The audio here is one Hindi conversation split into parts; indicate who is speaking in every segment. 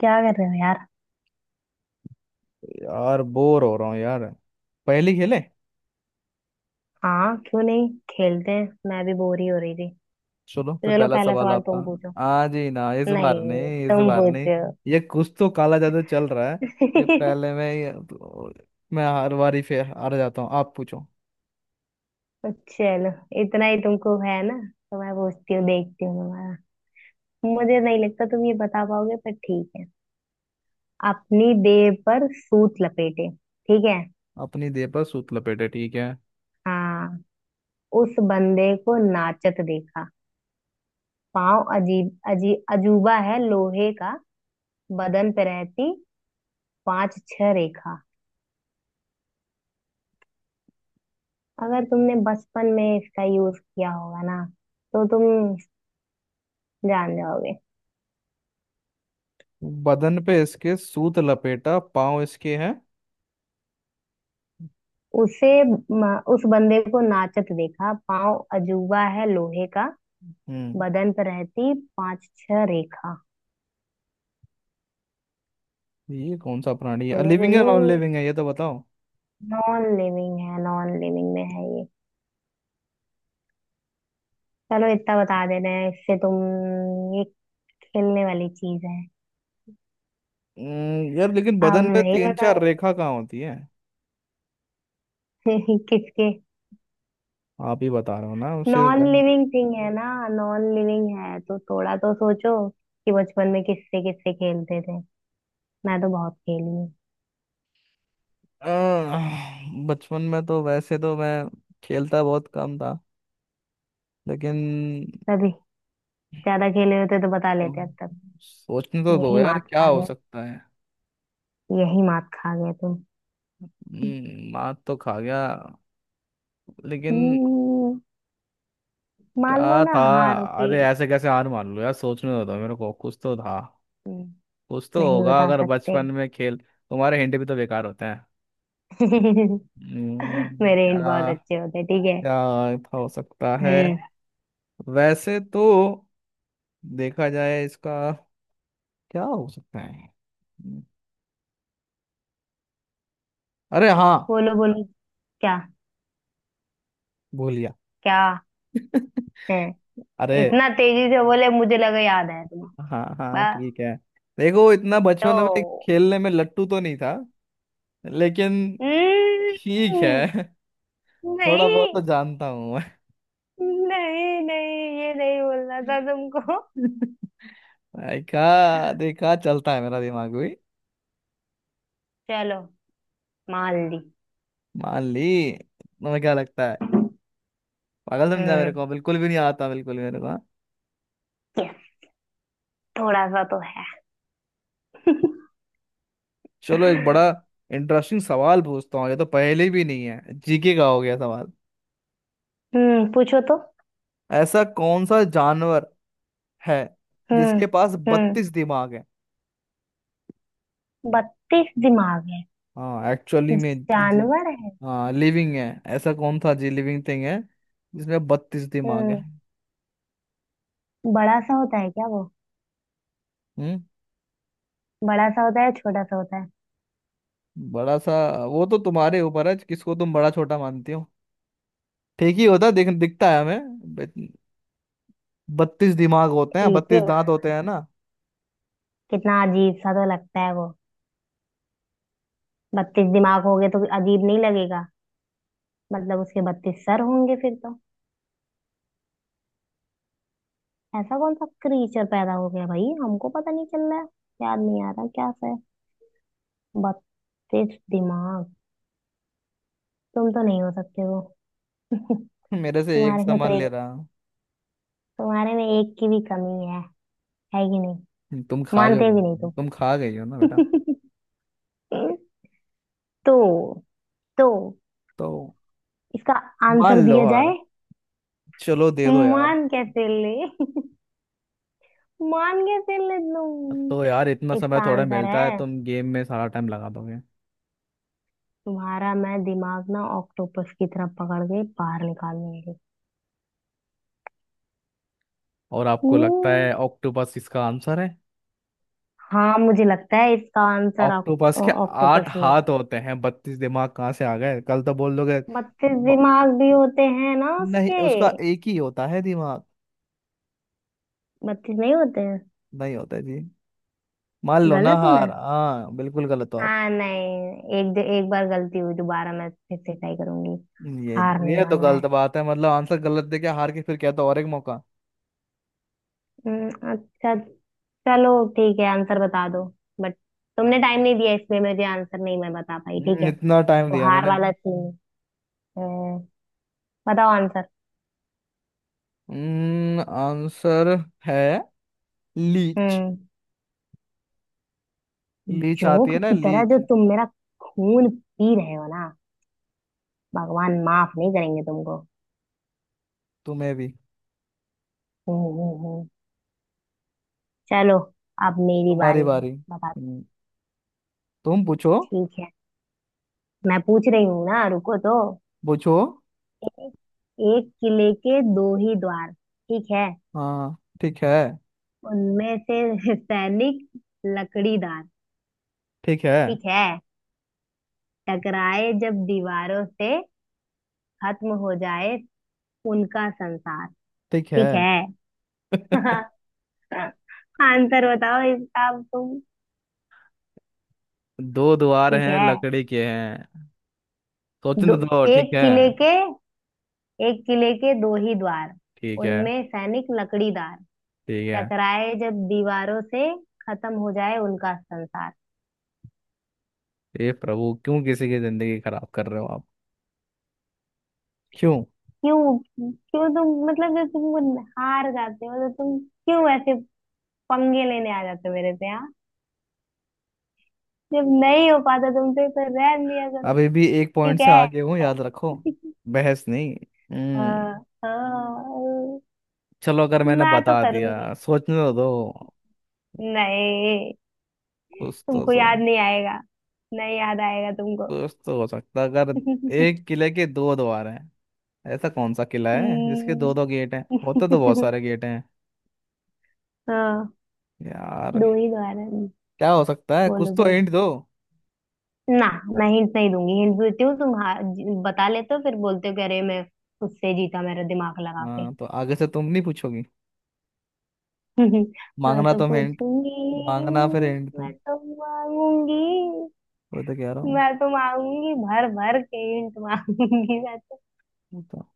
Speaker 1: क्या कर रहे हो यार।
Speaker 2: यार बोर हो रहा हूँ यार। पहली खेले।
Speaker 1: हाँ क्यों नहीं, खेलते हैं, मैं भी बोर ही हो रही थी।
Speaker 2: चलो
Speaker 1: तो
Speaker 2: फिर
Speaker 1: चलो
Speaker 2: पहला
Speaker 1: पहला
Speaker 2: सवाल
Speaker 1: सवाल
Speaker 2: आपका।
Speaker 1: तुम पूछो।
Speaker 2: आज ही ना, इस बार
Speaker 1: नहीं
Speaker 2: नहीं, इस
Speaker 1: तुम
Speaker 2: बार नहीं।
Speaker 1: पूछो।
Speaker 2: ये कुछ तो काला जादू चल रहा है। ये पहले मैं ये- मैं हर बारी फिर हार जाता हूँ, आप पूछो।
Speaker 1: चलो, इतना ही तुमको है ना। तो मैं पूछती हूँ, देखती हूँ तुम्हारा। मुझे नहीं लगता तुम ये बता पाओगे, पर ठीक है। अपनी देह पर सूत लपेटे, ठीक है।
Speaker 2: अपनी देह पर सूत लपेटे ठीक है।
Speaker 1: हाँ। उस बंदे को नाचत देखा, पाँव अजीब अजीब अजूबा है लोहे का, बदन पे रहती पांच छह रेखा। अगर तुमने बचपन में इसका यूज किया होगा ना, तो तुम जान जाओगे।
Speaker 2: बदन पे इसके सूत लपेटा, पाँव इसके हैं।
Speaker 1: उस बंदे को नाचत देखा, पाँव अजूबा है लोहे का,
Speaker 2: हम्म।
Speaker 1: बदन पर रहती पांच छह रेखा।
Speaker 2: ये कौन सा प्राणी है,
Speaker 1: बोलो
Speaker 2: लिविंग है
Speaker 1: बोलो।
Speaker 2: नॉन लिविंग है, ये तो बताओ?
Speaker 1: नॉन लिविंग है, नॉन लिविंग में है ये। चलो इतना बता दे रहे हैं, इससे तुम ये खेलने वाली चीज है।
Speaker 2: यार लेकिन
Speaker 1: अब
Speaker 2: बदन पे
Speaker 1: नहीं
Speaker 2: तीन चार
Speaker 1: बताओ।
Speaker 2: रेखा कहाँ होती है?
Speaker 1: किसके।
Speaker 2: आप ही बता रहे हो ना उसे।
Speaker 1: नॉन लिविंग थिंग है ना। नॉन लिविंग है तो थोड़ा तो सोचो कि बचपन में किससे किससे खेलते थे। मैं तो बहुत खेली हूँ।
Speaker 2: अ, बचपन में तो वैसे तो मैं खेलता बहुत कम था, लेकिन
Speaker 1: तभी। ज्यादा खेले होते तो बता लेते
Speaker 2: तुम
Speaker 1: अब तक।
Speaker 2: सोचने तो दो
Speaker 1: यही
Speaker 2: यार,
Speaker 1: मात
Speaker 2: क्या
Speaker 1: खा
Speaker 2: हो
Speaker 1: गए।
Speaker 2: सकता है।
Speaker 1: यही मात खा गए तुम।
Speaker 2: मार तो खा गया, लेकिन
Speaker 1: हम्म। मान लो
Speaker 2: क्या
Speaker 1: ना
Speaker 2: था?
Speaker 1: हार के।
Speaker 2: अरे ऐसे कैसे हार मान लो यार, सोचने तो दो मेरे को, कुछ तो था।
Speaker 1: हम्म।
Speaker 2: कुछ तो
Speaker 1: नहीं
Speaker 2: होगा
Speaker 1: बता
Speaker 2: अगर
Speaker 1: सकते।
Speaker 2: बचपन में खेल, तुम्हारे हिंट भी तो बेकार होते हैं। हम्म।
Speaker 1: मेरे हिंट बहुत
Speaker 2: क्या,
Speaker 1: अच्छे होते, ठीक है।
Speaker 2: क्या हो सकता है?
Speaker 1: हम्म।
Speaker 2: वैसे तो देखा जाए इसका क्या हो सकता है। अरे हाँ,
Speaker 1: बोलो बोलो, क्या
Speaker 2: भूल गया
Speaker 1: क्या है।
Speaker 2: अरे।
Speaker 1: इतना तेजी से बोले मुझे लगा याद है तुम्हें।
Speaker 2: हाँ हाँ
Speaker 1: बस।
Speaker 2: ठीक है। देखो इतना बचपन में
Speaker 1: तो।
Speaker 2: खेलने में लट्टू तो नहीं था, लेकिन ठीक है
Speaker 1: हम्म।
Speaker 2: थोड़ा बहुत तो
Speaker 1: नहीं,
Speaker 2: जानता हूँ मैं
Speaker 1: नहीं नहीं, ये नहीं बोलना था तुमको।
Speaker 2: देखा देखा, चलता है मेरा दिमाग भी।
Speaker 1: चलो, मान ली।
Speaker 2: मान ली, तुम्हें क्या लगता है, पागल समझा मेरे
Speaker 1: हम्म।
Speaker 2: को, बिल्कुल भी नहीं आता बिल्कुल भी मेरे को, हाँ।
Speaker 1: यस। थोड़ा सा तो है।
Speaker 2: चलो, एक बड़ा इंटरेस्टिंग सवाल पूछता हूँ, ये तो पहले भी नहीं है, जीके का हो गया सवाल।
Speaker 1: हम्म, पूछो तो।
Speaker 2: ऐसा कौन सा जानवर है
Speaker 1: हम्म।
Speaker 2: जिसके पास
Speaker 1: हम्म।
Speaker 2: 32 दिमाग?
Speaker 1: बत्तीस दिमाग है।
Speaker 2: हाँ एक्चुअली में जी।
Speaker 1: जानवर है।
Speaker 2: हाँ लिविंग है। ऐसा कौन था जी, लिविंग थिंग है, जिसमें 32 दिमाग है।
Speaker 1: हम्म। बड़ा सा होता है क्या वो।
Speaker 2: हम्म।
Speaker 1: बड़ा सा होता है छोटा सा होता है।
Speaker 2: बड़ा सा। वो तो तुम्हारे ऊपर है, किसको तुम बड़ा छोटा मानती हो। ठीक ही होता दिखता है हमें। 32 दिमाग होते हैं,
Speaker 1: ठीक है।
Speaker 2: 32 दांत होते हैं ना।
Speaker 1: कितना अजीब सा तो लगता है वो। बत्तीस दिमाग हो गए तो अजीब नहीं लगेगा। मतलब उसके बत्तीस सर होंगे फिर तो। ऐसा कौन सा क्रीचर पैदा हो गया भाई, हमको पता नहीं चल रहा है। याद नहीं आ रहा क्या से। बत्तीस दिमाग। तुम तो नहीं हो सकते हो।
Speaker 2: मेरे से एक
Speaker 1: तुम्हारे में तो
Speaker 2: सामान ले
Speaker 1: एक।
Speaker 2: रहा हूँ।
Speaker 1: तुम्हारे में एक की भी कमी है। है कि नहीं।
Speaker 2: तुम खा जाओ
Speaker 1: मानते भी नहीं
Speaker 2: भाई,
Speaker 1: तुम।
Speaker 2: तुम खा गई हो ना बेटा।
Speaker 1: हम्म। तो तो
Speaker 2: तो
Speaker 1: इसका
Speaker 2: मान
Speaker 1: आंसर
Speaker 2: लो
Speaker 1: दिया
Speaker 2: हार।
Speaker 1: जाए।
Speaker 2: चलो दे दो यार।
Speaker 1: मान कैसे ले। मान कैसे ले
Speaker 2: तो यार इतना
Speaker 1: तुम।
Speaker 2: समय
Speaker 1: इसका
Speaker 2: थोड़ा
Speaker 1: आंसर
Speaker 2: मिलता है,
Speaker 1: है।
Speaker 2: तुम गेम में सारा टाइम लगा दोगे।
Speaker 1: तुम्हारा मैं दिमाग ना ऑक्टोपस की तरह पकड़ के बाहर निकाल लूंगी।
Speaker 2: और आपको लगता
Speaker 1: हम्म।
Speaker 2: है ऑक्टोपस इसका आंसर है?
Speaker 1: हाँ मुझे लगता है इसका आंसर
Speaker 2: ऑक्टोपस के आठ
Speaker 1: ऑक्टोपस ही है।
Speaker 2: हाथ होते हैं, 32 दिमाग कहाँ से आ गए, कल तो बोल दोगे।
Speaker 1: बत्तीस
Speaker 2: ब-
Speaker 1: दिमाग भी होते हैं ना
Speaker 2: नहीं
Speaker 1: उसके।
Speaker 2: उसका एक ही होता है दिमाग।
Speaker 1: बत्तीस नहीं होते हैं।
Speaker 2: नहीं होता जी। मान लो ना
Speaker 1: गलत हूँ मैं।
Speaker 2: हार, हाँ बिल्कुल गलत हो आप।
Speaker 1: हाँ नहीं। एक एक बार गलती हुई, दोबारा मैं फिर से ट्राई करूंगी।
Speaker 2: ये
Speaker 1: हार नहीं
Speaker 2: ये तो
Speaker 1: मानना
Speaker 2: गलत
Speaker 1: है।
Speaker 2: बात है, मतलब आंसर गलत दे के हार के फिर क्या, तो और एक मौका।
Speaker 1: अच्छा। चलो ठीक है आंसर बता दो। बट तुमने टाइम नहीं दिया इसमें, मुझे आंसर नहीं मैं बता पाई, ठीक है,
Speaker 2: इतना टाइम
Speaker 1: तो
Speaker 2: दिया
Speaker 1: हार
Speaker 2: मैंने।
Speaker 1: वाला सीन। हम्म। बताओ आंसर।
Speaker 2: आंसर है लीच।
Speaker 1: हम्म।
Speaker 2: लीच आती
Speaker 1: जोक
Speaker 2: है ना,
Speaker 1: की तरह
Speaker 2: लीच।
Speaker 1: जो तुम मेरा खून पी रहे हो ना, भगवान माफ नहीं करेंगे तुमको।
Speaker 2: तुम्हें भी।
Speaker 1: हम्म हम्म हम्म। चलो अब मेरी
Speaker 2: तुम्हारी
Speaker 1: बारी है।
Speaker 2: बारी।
Speaker 1: बता।
Speaker 2: तुम पूछो।
Speaker 1: ठीक है, मैं पूछ रही हूँ ना, रुको तो।
Speaker 2: पूछो।
Speaker 1: एक किले के दो ही द्वार, ठीक है।
Speaker 2: हाँ ठीक है।
Speaker 1: उनमें से सैनिक लकड़ीदार,
Speaker 2: ठीक है।
Speaker 1: ठीक है। टकराए जब दीवारों से, खत्म हो जाए उनका संसार।
Speaker 2: ठीक है।
Speaker 1: ठीक है। आंसर बताओ इसका अब तुम।
Speaker 2: दो द्वार
Speaker 1: ठीक
Speaker 2: हैं,
Speaker 1: है।
Speaker 2: लकड़ी के हैं।
Speaker 1: दो।
Speaker 2: सोचने तो दो। ठीक
Speaker 1: एक
Speaker 2: है।
Speaker 1: किले के, एक किले के दो ही द्वार,
Speaker 2: ठीक है।
Speaker 1: उनमें सैनिक लकड़ीदार,
Speaker 2: ठीक है।
Speaker 1: टकराए जब दीवारों से, खत्म हो जाए उनका संसार।
Speaker 2: हे प्रभु, क्यों किसी की जिंदगी खराब कर रहे हो आप, क्यों?
Speaker 1: क्यों क्यों तुम, मतलब जब तुम हार जाते हो तो तुम क्यों ऐसे पंगे लेने आ जाते हो मेरे से हाँ। जब नहीं हो पाता तुमसे तो रहन दिया करो।
Speaker 2: अभी भी एक पॉइंट
Speaker 1: ठीक
Speaker 2: से
Speaker 1: है।
Speaker 2: आगे हूँ, याद रखो। बहस नहीं। हम्म।
Speaker 1: हाँ। हाँ।
Speaker 2: चलो अगर मैंने
Speaker 1: मैं तो
Speaker 2: बता दिया।
Speaker 1: करूंगी।
Speaker 2: सोचने तो दो,
Speaker 1: नहीं,
Speaker 2: कुछ तो
Speaker 1: तुमको
Speaker 2: सो,
Speaker 1: याद नहीं आएगा। नहीं याद आएगा तुमको।
Speaker 2: कुछ तो हो सकता अगर। एक किले के दो द्वार हैं, ऐसा कौन सा किला है जिसके दो
Speaker 1: हम्म।
Speaker 2: दो गेट हैं, होते तो बहुत सारे गेट हैं।
Speaker 1: हाँ।
Speaker 2: यार
Speaker 1: दो ही दोबारा।
Speaker 2: क्या हो सकता है, कुछ
Speaker 1: बोलो
Speaker 2: तो
Speaker 1: बोलो।
Speaker 2: हिंट दो।
Speaker 1: ना, मैं हिंट नहीं दूंगी। हिंट देती हूँ तुम बता लेते हो फिर बोलते हो कि अरे मैं उससे जीता मेरा दिमाग लगा के।
Speaker 2: हाँ तो आगे से तुम नहीं पूछोगी,
Speaker 1: मैं
Speaker 2: मांगना
Speaker 1: तो
Speaker 2: तुम हिंट,
Speaker 1: पूछूंगी।
Speaker 2: मांगना फिर हिंट
Speaker 1: मैं
Speaker 2: तुम।
Speaker 1: तो मांगूंगी।
Speaker 2: वो तो कह रहा हूँ।
Speaker 1: मैं तो मांगूंगी भर भर के हिंट मांगूंगी मैं तो।
Speaker 2: वो तो।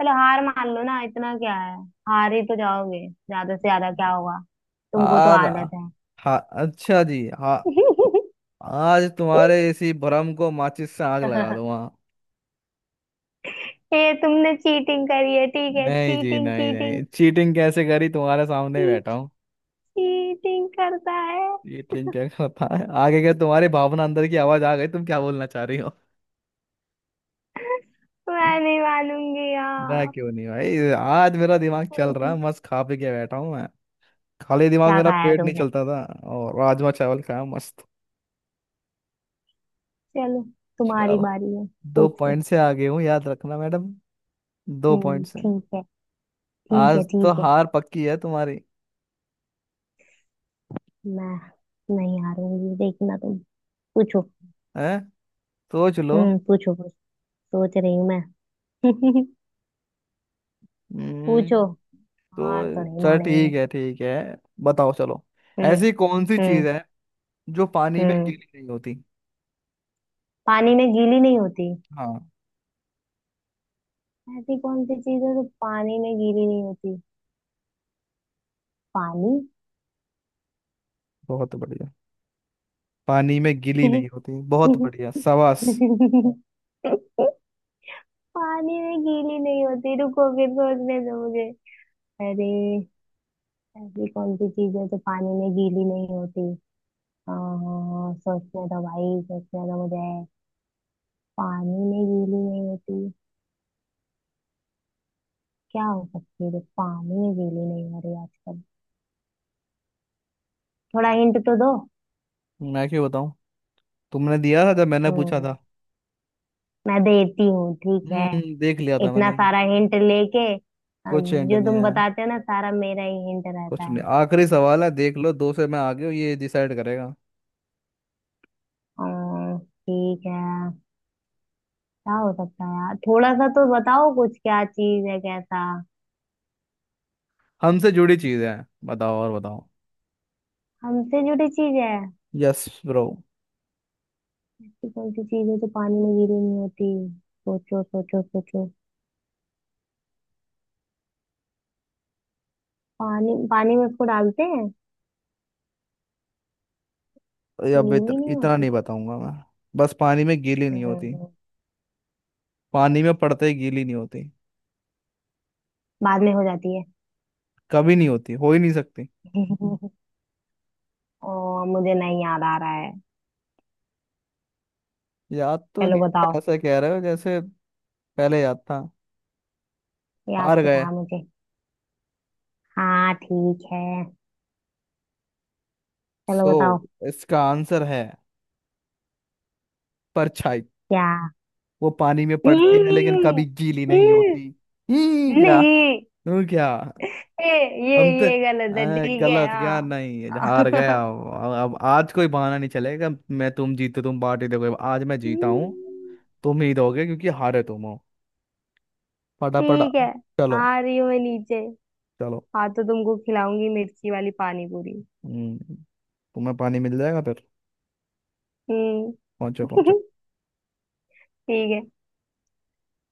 Speaker 1: चलो हार मान लो ना, इतना क्या है। हार ही तो जाओगे, ज्यादा से ज्यादा क्या होगा। तुमको तो
Speaker 2: हार।
Speaker 1: आदत है।
Speaker 2: हा। अच्छा जी। हा, आज तुम्हारे इसी भ्रम को माचिस से आग लगा दूंगा।
Speaker 1: ये तुमने चीटिंग करी है ठीक है,
Speaker 2: नहीं जी,
Speaker 1: चीटिंग
Speaker 2: नहीं
Speaker 1: चीटिंग।
Speaker 2: नहीं, चीटिंग कैसे करी, तुम्हारे सामने ही बैठा हूँ।
Speaker 1: चीटिंग करता है।
Speaker 2: चीटिंग क्या करता है आगे, क्या तुम्हारी भावना अंदर की आवाज आ गई, तुम क्या बोलना चाह रही हो?
Speaker 1: मैं नहीं मानूंगी
Speaker 2: ना
Speaker 1: यार।
Speaker 2: क्यों नहीं भाई, आज मेरा दिमाग
Speaker 1: क्या
Speaker 2: चल रहा है, मस्त खा पी के बैठा हूँ मैं। खाली दिमाग मेरा
Speaker 1: खाया
Speaker 2: पेट नहीं
Speaker 1: तुमने।
Speaker 2: चलता था। और राजमा चावल खाया मस्त।
Speaker 1: चलो तुम्हारी
Speaker 2: चलो।
Speaker 1: बारी है।
Speaker 2: दो
Speaker 1: पूछो।
Speaker 2: पॉइंट से आगे हूँ याद रखना मैडम। दो
Speaker 1: हम्म,
Speaker 2: पॉइंट से।
Speaker 1: ठीक है। ठीक है
Speaker 2: आज तो
Speaker 1: ठीक है।
Speaker 2: हार पक्की है तुम्हारी।
Speaker 1: मैं नहीं हारूंगी देखना तुम। पूछो।
Speaker 2: है, सोच लो।
Speaker 1: हम्म, पूछो पूछो। सोच रही हूँ मैं।
Speaker 2: हम्म,
Speaker 1: पूछो। हार तो
Speaker 2: तो
Speaker 1: नहीं
Speaker 2: चल ठीक
Speaker 1: मानेंगे।
Speaker 2: है ठीक है, बताओ चलो।
Speaker 1: हम्म।
Speaker 2: ऐसी कौन सी चीज
Speaker 1: हम्म।
Speaker 2: है जो पानी में
Speaker 1: हम्म।
Speaker 2: गीली नहीं होती?
Speaker 1: पानी में गीली नहीं होती।
Speaker 2: हाँ।
Speaker 1: ऐसी कौन सी चीज है जो पानी में गीली नहीं होती। पानी।
Speaker 2: बहुत बढ़िया, पानी में गीली नहीं होती, बहुत बढ़िया शाबाश।
Speaker 1: पानी में गीली नहीं होती, रुको फिर सोचने दो मुझे। अरे, ऐसी कौन सी चीज है जो पानी में गीली नहीं होती। आ, सोचने दो भाई, सोचने दो मुझे। पानी में गीली नहीं होती। क्या हो सकती है जो पानी में गीली नहीं हो रही आजकल। थोड़ा हिंट तो दो।
Speaker 2: मैं क्यों बताऊं, तुमने दिया था जब मैंने पूछा
Speaker 1: हम्म।
Speaker 2: था।
Speaker 1: मैं देती हूँ ठीक है।
Speaker 2: हम्म, देख लिया था
Speaker 1: इतना
Speaker 2: मैंने।
Speaker 1: सारा हिंट लेके
Speaker 2: कुछ एंड
Speaker 1: जो
Speaker 2: नहीं
Speaker 1: तुम
Speaker 2: है।
Speaker 1: बताते हो ना सारा मेरा ही हिंट रहता
Speaker 2: कुछ नहीं,
Speaker 1: है।
Speaker 2: आखिरी सवाल है, देख लो, दो से मैं आगे हूँ, ये डिसाइड करेगा।
Speaker 1: अ, ठीक है। क्या हो सकता है यार, थोड़ा सा तो बताओ कुछ, क्या चीज है कैसा।
Speaker 2: हमसे जुड़ी चीजें हैं, बताओ और बताओ।
Speaker 1: हमसे जुड़ी चीज है।
Speaker 2: Yes bro.
Speaker 1: ऐसी कौन सी चीज है जो पानी में गीली नहीं होती। सोचो सोचो सोचो। पानी, पानी में उसको डालते हैं
Speaker 2: अब
Speaker 1: गीली नहीं
Speaker 2: इतना
Speaker 1: होती।
Speaker 2: नहीं बताऊंगा मैं। बस पानी में गीली नहीं होती।
Speaker 1: हम्म।
Speaker 2: पानी में पड़ते ही गीली नहीं होती,
Speaker 1: बाद में हो जाती है।
Speaker 2: कभी नहीं होती, हो ही नहीं सकती।
Speaker 1: मुझे नहीं याद आ रहा है।
Speaker 2: याद तो
Speaker 1: चलो
Speaker 2: नहीं
Speaker 1: बताओ।
Speaker 2: है, ऐसा कह रहे हो जैसे पहले याद था।
Speaker 1: याद
Speaker 2: हार
Speaker 1: तो
Speaker 2: गए।
Speaker 1: था मुझे। हाँ ठीक है। चलो
Speaker 2: सो,
Speaker 1: बताओ।
Speaker 2: इसका आंसर है परछाई।
Speaker 1: क्या।
Speaker 2: वो पानी में पड़ती है लेकिन
Speaker 1: हम्म।
Speaker 2: कभी गीली नहीं
Speaker 1: हम्म।
Speaker 2: होती। ही क्या।
Speaker 1: नहीं।
Speaker 2: तू क्या।
Speaker 1: ए, ये
Speaker 2: हम तो
Speaker 1: ये गलत है ठीक है
Speaker 2: गलत क्या, नहीं हार गया,
Speaker 1: हाँ।
Speaker 2: अब आज कोई बहाना नहीं चलेगा, मैं तुम जीते तुम पार्टी दोगे, आज मैं जीता हूँ।
Speaker 1: हम्म।
Speaker 2: तुम ही दोगे क्योंकि हारे तुम हो। फटाफट।
Speaker 1: ठीक है,
Speaker 2: चलो।
Speaker 1: आ रही हूँ मैं नीचे।
Speaker 2: चलो।
Speaker 1: हाँ तो तुमको खिलाऊंगी मिर्ची वाली पानी पूरी।
Speaker 2: हम्म, तुम्हें पानी मिल जाएगा फिर।
Speaker 1: हम्म।
Speaker 2: पहुंचो पहुंचो।
Speaker 1: ठीक है।